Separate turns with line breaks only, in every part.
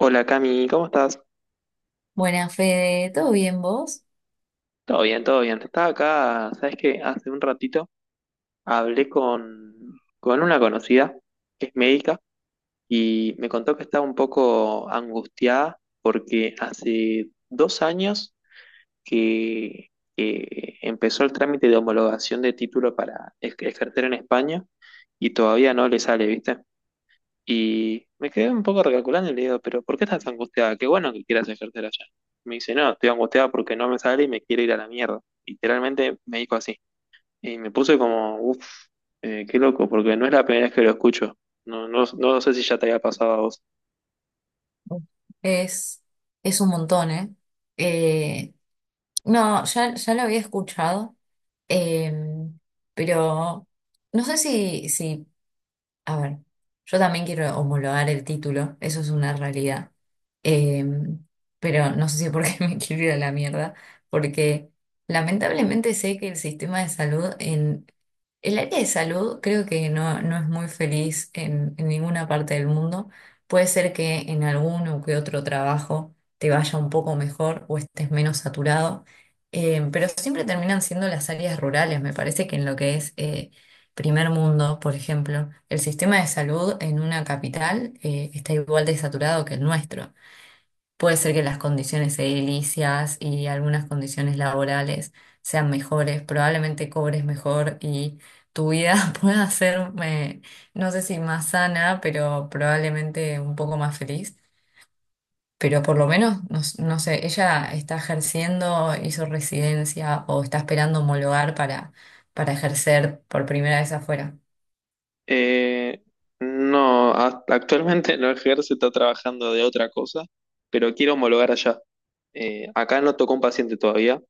Hola Cami, ¿cómo estás?
Buenas, Fede, ¿todo bien vos?
Todo bien, todo bien. Estaba acá, ¿sabes que hace un ratito hablé con una conocida que es médica y me contó que estaba un poco angustiada porque hace 2 años que, que empezó el trámite de homologación de título para ejercer en España y todavía no le sale, ¿viste? Y me quedé un poco recalculando y le digo, pero ¿por qué estás angustiada? Qué bueno que quieras ejercer allá. Me dice, no, estoy angustiada porque no me sale y me quiero ir a la mierda. Literalmente me dijo así. Y me puse como, qué loco, porque no es la primera vez que lo escucho. No, no, no sé si ya te había pasado a vos.
Es, es un montón, ¿eh? Eh, no, ya lo había escuchado, eh, pero no sé si. A ver, yo también quiero homologar el título, eso es una realidad. Eh, pero no sé si por qué me quiero ir a la mierda, porque lamentablemente sé que el sistema de salud en el área de salud creo que no es muy feliz en ninguna parte del mundo. Puede ser que en alguno que otro trabajo te vaya un poco mejor o estés menos saturado, pero siempre terminan siendo las áreas rurales, me parece que en lo que es... primer mundo, por ejemplo, el sistema de salud en una capital está igual de saturado que el nuestro. Puede ser que las condiciones edilicias y algunas condiciones laborales sean mejores, probablemente cobres mejor y tu vida pueda ser, no sé si más sana, pero probablemente un poco más feliz. Pero por lo menos, no, no sé, ella está ejerciendo, hizo residencia o está esperando homologar para ejercer por primera vez afuera.
Eh, no, actualmente no ejerce, está trabajando de otra cosa, pero quiero homologar allá. Acá no tocó un paciente todavía,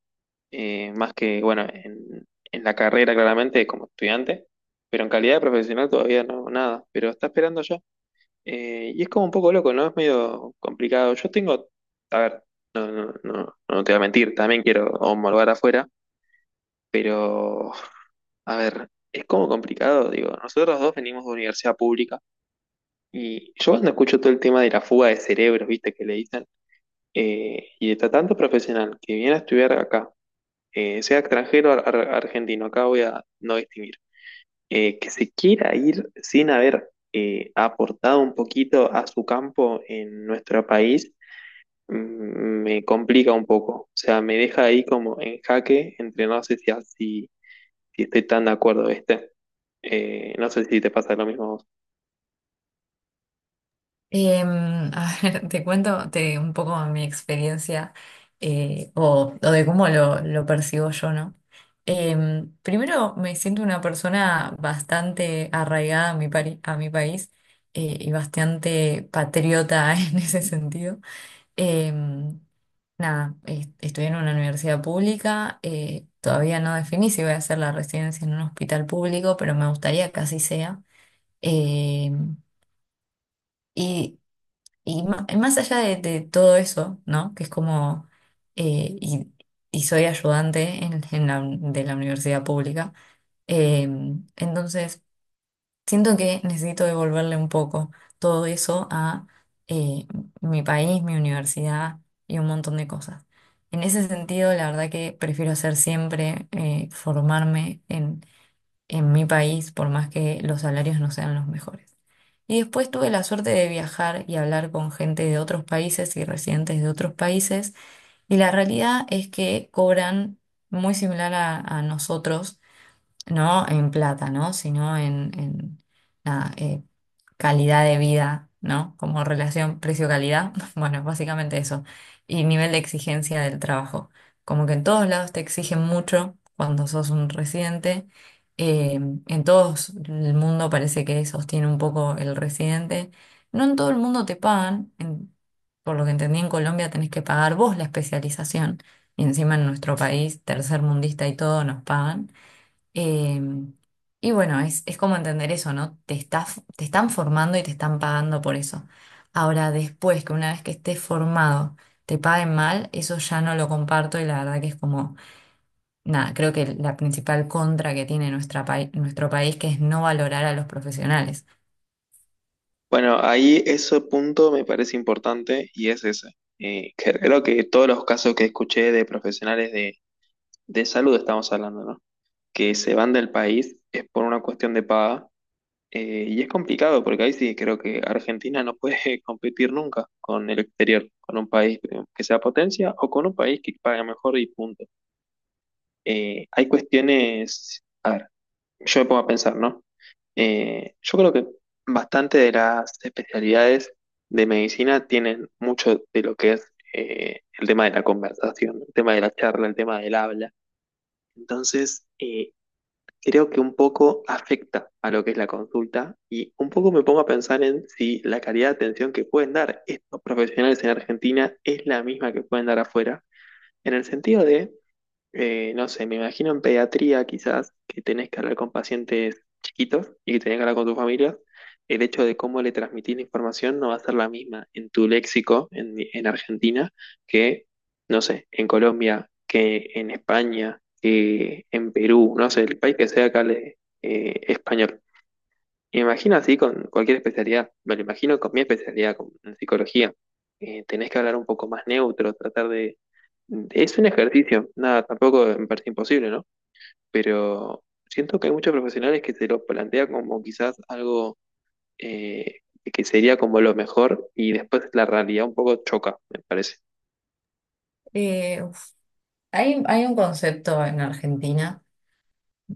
más que, bueno, en la carrera claramente como estudiante, pero en calidad de profesional todavía no, nada, pero está esperando ya. Y es como un poco loco, ¿no? Es medio complicado. Yo tengo, a ver, no, no, no te voy a mentir, también quiero homologar afuera, pero, a ver, es como complicado, digo, nosotros dos venimos de universidad pública y yo cuando escucho todo el tema de la fuga de cerebros, viste, que le dicen, y de tanto profesional que viene a estudiar acá sea extranjero o argentino, acá voy a no distinguir, que se quiera ir sin haber aportado un poquito a su campo en nuestro país, mm, me complica un poco. O sea, me deja ahí como en jaque entre no sé si, si si estoy tan de acuerdo, ¿viste? No sé si te pasa lo mismo a vos.
A ver, un poco mi experiencia, o de cómo lo percibo yo, ¿no? Primero, me siento una persona bastante arraigada a a mi país, y bastante patriota en ese sentido. Em, Nada, estudié en una universidad pública, todavía no definí si voy a hacer la residencia en un hospital público, pero me gustaría que así sea. Em, y Más allá de todo eso, ¿no? Que es como, eh, y, y soy ayudante en de la universidad pública, eh, entonces siento que necesito devolverle un poco todo eso a, eh, mi país, mi universidad y un montón de cosas. En ese sentido, la verdad que prefiero hacer siempre, formarme en mi país, por más que los salarios no sean los mejores. Y después tuve la suerte de viajar y hablar con gente de otros países y residentes de otros países. Y la realidad es que cobran muy similar a nosotros, no en plata, ¿no? Sino en, nada, calidad de vida, ¿no? Como relación precio-calidad, bueno, básicamente eso. Y nivel de exigencia del trabajo. Como que en todos lados te exigen mucho cuando sos un residente. eh, en todo el mundo parece que sostiene un poco el residente. No en todo el mundo te pagan. Por lo que entendí, en Colombia tenés que pagar vos la especialización. Y encima en nuestro país, tercermundista y todo, nos pagan. Eh, y bueno, es como entender eso, ¿no? Te están formando y te están pagando por eso. Ahora, después que una vez que estés formado te paguen mal, eso ya no lo comparto y la verdad que es como, nada, creo que la principal contra que tiene nuestro país que es no valorar a los profesionales.
Bueno, ahí ese punto me parece importante y es ese. Que creo que todos los casos que escuché de profesionales de salud estamos hablando, ¿no? Que se van del país es por una cuestión de paga. Y es complicado porque ahí sí creo que Argentina no puede competir nunca con el exterior, con un país que sea potencia o con un país que pague mejor y punto. Hay cuestiones, a ver, yo me pongo a pensar, ¿no? Yo creo que bastante de las especialidades de medicina tienen mucho de lo que es el tema de la conversación, el tema de la charla, el tema del habla. Entonces, creo que un poco afecta a lo que es la consulta y un poco me pongo a pensar en si la calidad de atención que pueden dar estos profesionales en Argentina es la misma que pueden dar afuera, en el sentido de no sé, me imagino en pediatría quizás que tenés que hablar con pacientes chiquitos y que tenés que hablar con tu familia, el hecho de cómo le transmitís la información no va a ser la misma en tu léxico en Argentina que, no sé, en Colombia, que en España, que en Perú, no sé, el país que sea que hable español. Y me imagino así con cualquier especialidad, me lo imagino con mi especialidad, con en psicología. Tenés que hablar un poco más neutro, tratar de es un ejercicio, nada, tampoco me parece imposible, ¿no? Pero siento que hay muchos profesionales que se lo plantea como quizás algo eh, que sería como lo mejor y después la realidad un poco choca, me parece.
Uf, hay un concepto en Argentina,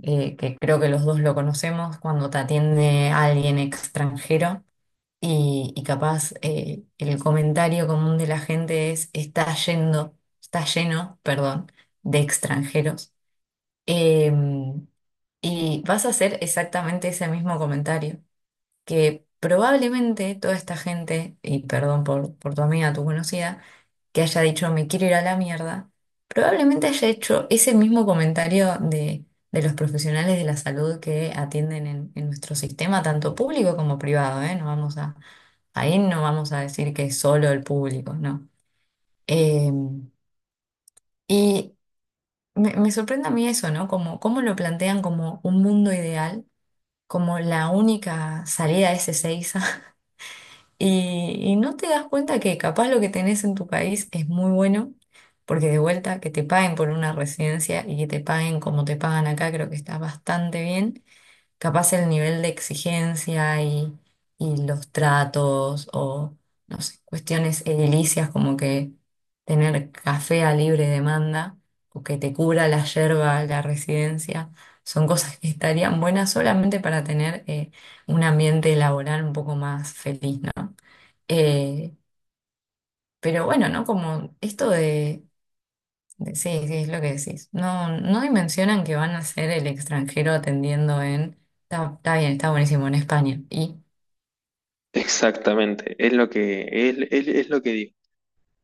que creo que los dos lo conocemos cuando te atiende alguien extranjero. Y capaz, el comentario común de la gente es: está yendo, está lleno, perdón, de extranjeros. Eh, y vas a hacer exactamente ese mismo comentario que probablemente toda esta gente, y perdón por tu amiga, tu conocida, que haya dicho "me quiero ir a la mierda", probablemente haya hecho ese mismo comentario de los profesionales de la salud que atienden en nuestro sistema, tanto público como privado, ¿eh? Ahí no vamos a decir que es solo el público, ¿no? Eh, y Me sorprende a mí eso, ¿no? Como cómo lo plantean como un mundo ideal, como la única salida es esa. Y no te das cuenta que capaz lo que tenés en tu país es muy bueno, porque de vuelta que te paguen por una residencia y que te paguen como te pagan acá, creo que está bastante bien. Capaz el nivel de exigencia y los tratos o, no sé, cuestiones edilicias como que tener café a libre demanda o que te cubra la yerba la residencia, son cosas que estarían buenas solamente para tener, un ambiente laboral un poco más feliz, ¿no? Eh, pero bueno, ¿no? Como esto sí, sí, es lo que decís. No, no dimensionan que van a ser el extranjero atendiendo en, está, está bien, está buenísimo en España. Y
Exactamente, es lo que, es es lo que digo.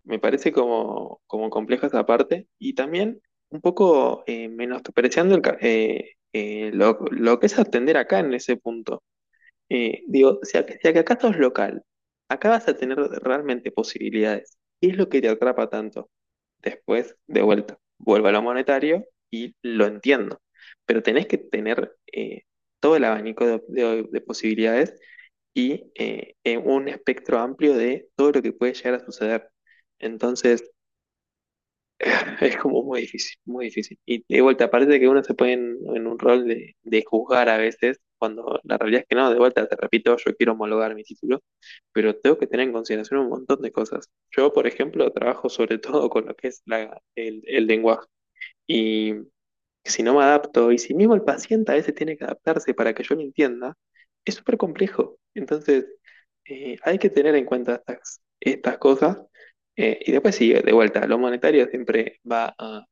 Me parece como, como compleja esa parte y también un poco menospreciando el lo que es atender acá en ese punto. Digo, si, si acá sos local, acá vas a tener realmente posibilidades. ¿Qué es lo que te atrapa tanto? Después, de vuelta, vuelvo a lo monetario y lo entiendo, pero tenés que tener todo el abanico de posibilidades y un espectro amplio de todo lo que puede llegar a suceder. Entonces, es como muy difícil, muy difícil. Y de vuelta, parece que uno se pone en un rol de juzgar a veces, cuando la realidad es que no, de vuelta, te repito, yo quiero homologar mi título, pero tengo que tener en consideración un montón de cosas. Yo, por ejemplo, trabajo sobre todo con lo que es el lenguaje. Y si no me adapto, y si mismo el paciente a veces tiene que adaptarse para que yo lo entienda, es súper complejo. Entonces, hay que tener en cuenta estas cosas. Y después sí, de vuelta, lo monetario siempre va a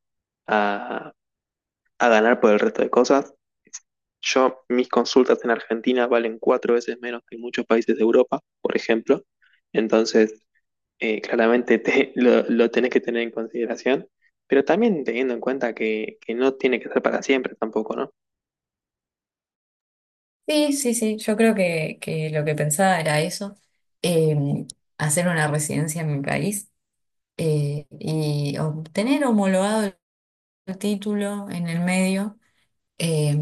a, a ganar por el resto de cosas. Yo, mis consultas en Argentina valen 4 veces menos que en muchos países de Europa, por ejemplo. Entonces, claramente lo tenés que tener en consideración, pero también teniendo en cuenta que no tiene que ser para siempre tampoco, ¿no?
sí, sí, sí, yo creo que lo que pensaba era eso, eh, hacer una residencia en mi país, y obtener homologado el título en el medio. Eh,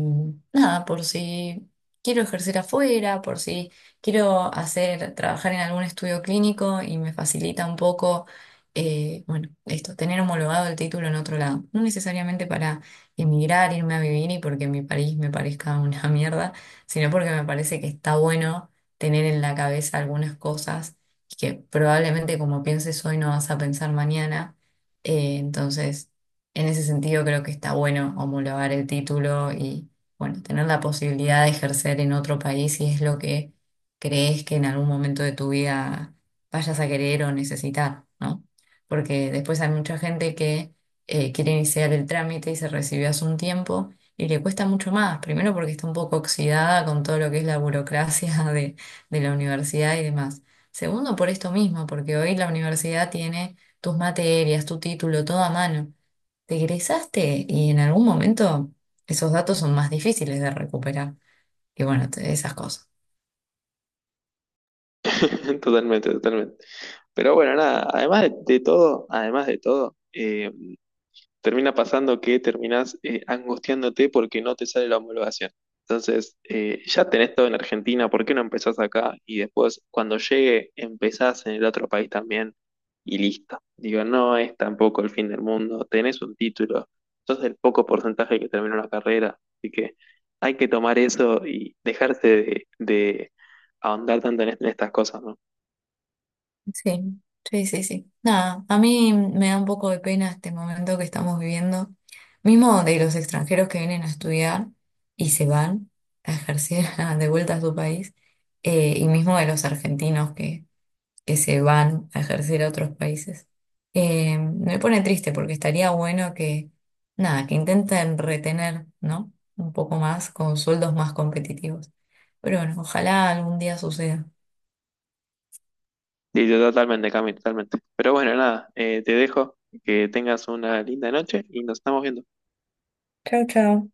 Nada, por si quiero ejercer afuera, por si quiero hacer, trabajar en algún estudio clínico y me facilita un poco, bueno, esto, tener homologado el título en otro lado. No necesariamente para emigrar, irme a vivir y porque mi país me parezca una mierda, sino porque me parece que está bueno tener en la cabeza algunas cosas que probablemente como pienses hoy no vas a pensar mañana. Entonces, en ese sentido, creo que está bueno homologar el título y, bueno, tener la posibilidad de ejercer en otro país si es lo que crees que en algún momento de tu vida vayas a querer o necesitar, ¿no? Porque después hay mucha gente que, quiere iniciar el trámite y se recibió hace un tiempo y le cuesta mucho más. Primero porque está un poco oxidada con todo lo que es la burocracia de la universidad y demás. Segundo, por esto mismo, porque hoy la universidad tiene tus materias, tu título, todo a mano. Te egresaste y en algún momento esos datos son más difíciles de recuperar. Y bueno, esas cosas.
Totalmente, totalmente. Pero bueno, nada, además de todo, además de todo, termina pasando que terminás angustiándote porque no te sale la homologación. Entonces, ya tenés todo en Argentina, ¿por qué no empezás acá? Y después, cuando llegue, empezás en el otro país también y listo. Digo, no es tampoco el fin del mundo, tenés un título, sos el poco porcentaje que termina una carrera, así que hay que tomar eso y dejarse de ahondar tanto en estas cosas, ¿no?
Sí, sí, sí, sí. Nada, a mí me da un poco de pena este momento que estamos viviendo, mismo de los extranjeros que vienen a estudiar y se van a ejercer de vuelta a su país, y mismo de los argentinos que se van a ejercer a otros países. Me pone triste porque estaría bueno que, nada, que intenten retener, ¿no? Un poco más con sueldos más competitivos. Pero bueno, ojalá algún día suceda.
Sí, sí, totalmente, Cami, totalmente. Pero bueno, nada, te dejo, que tengas una linda noche y nos estamos viendo.
Chao, chao.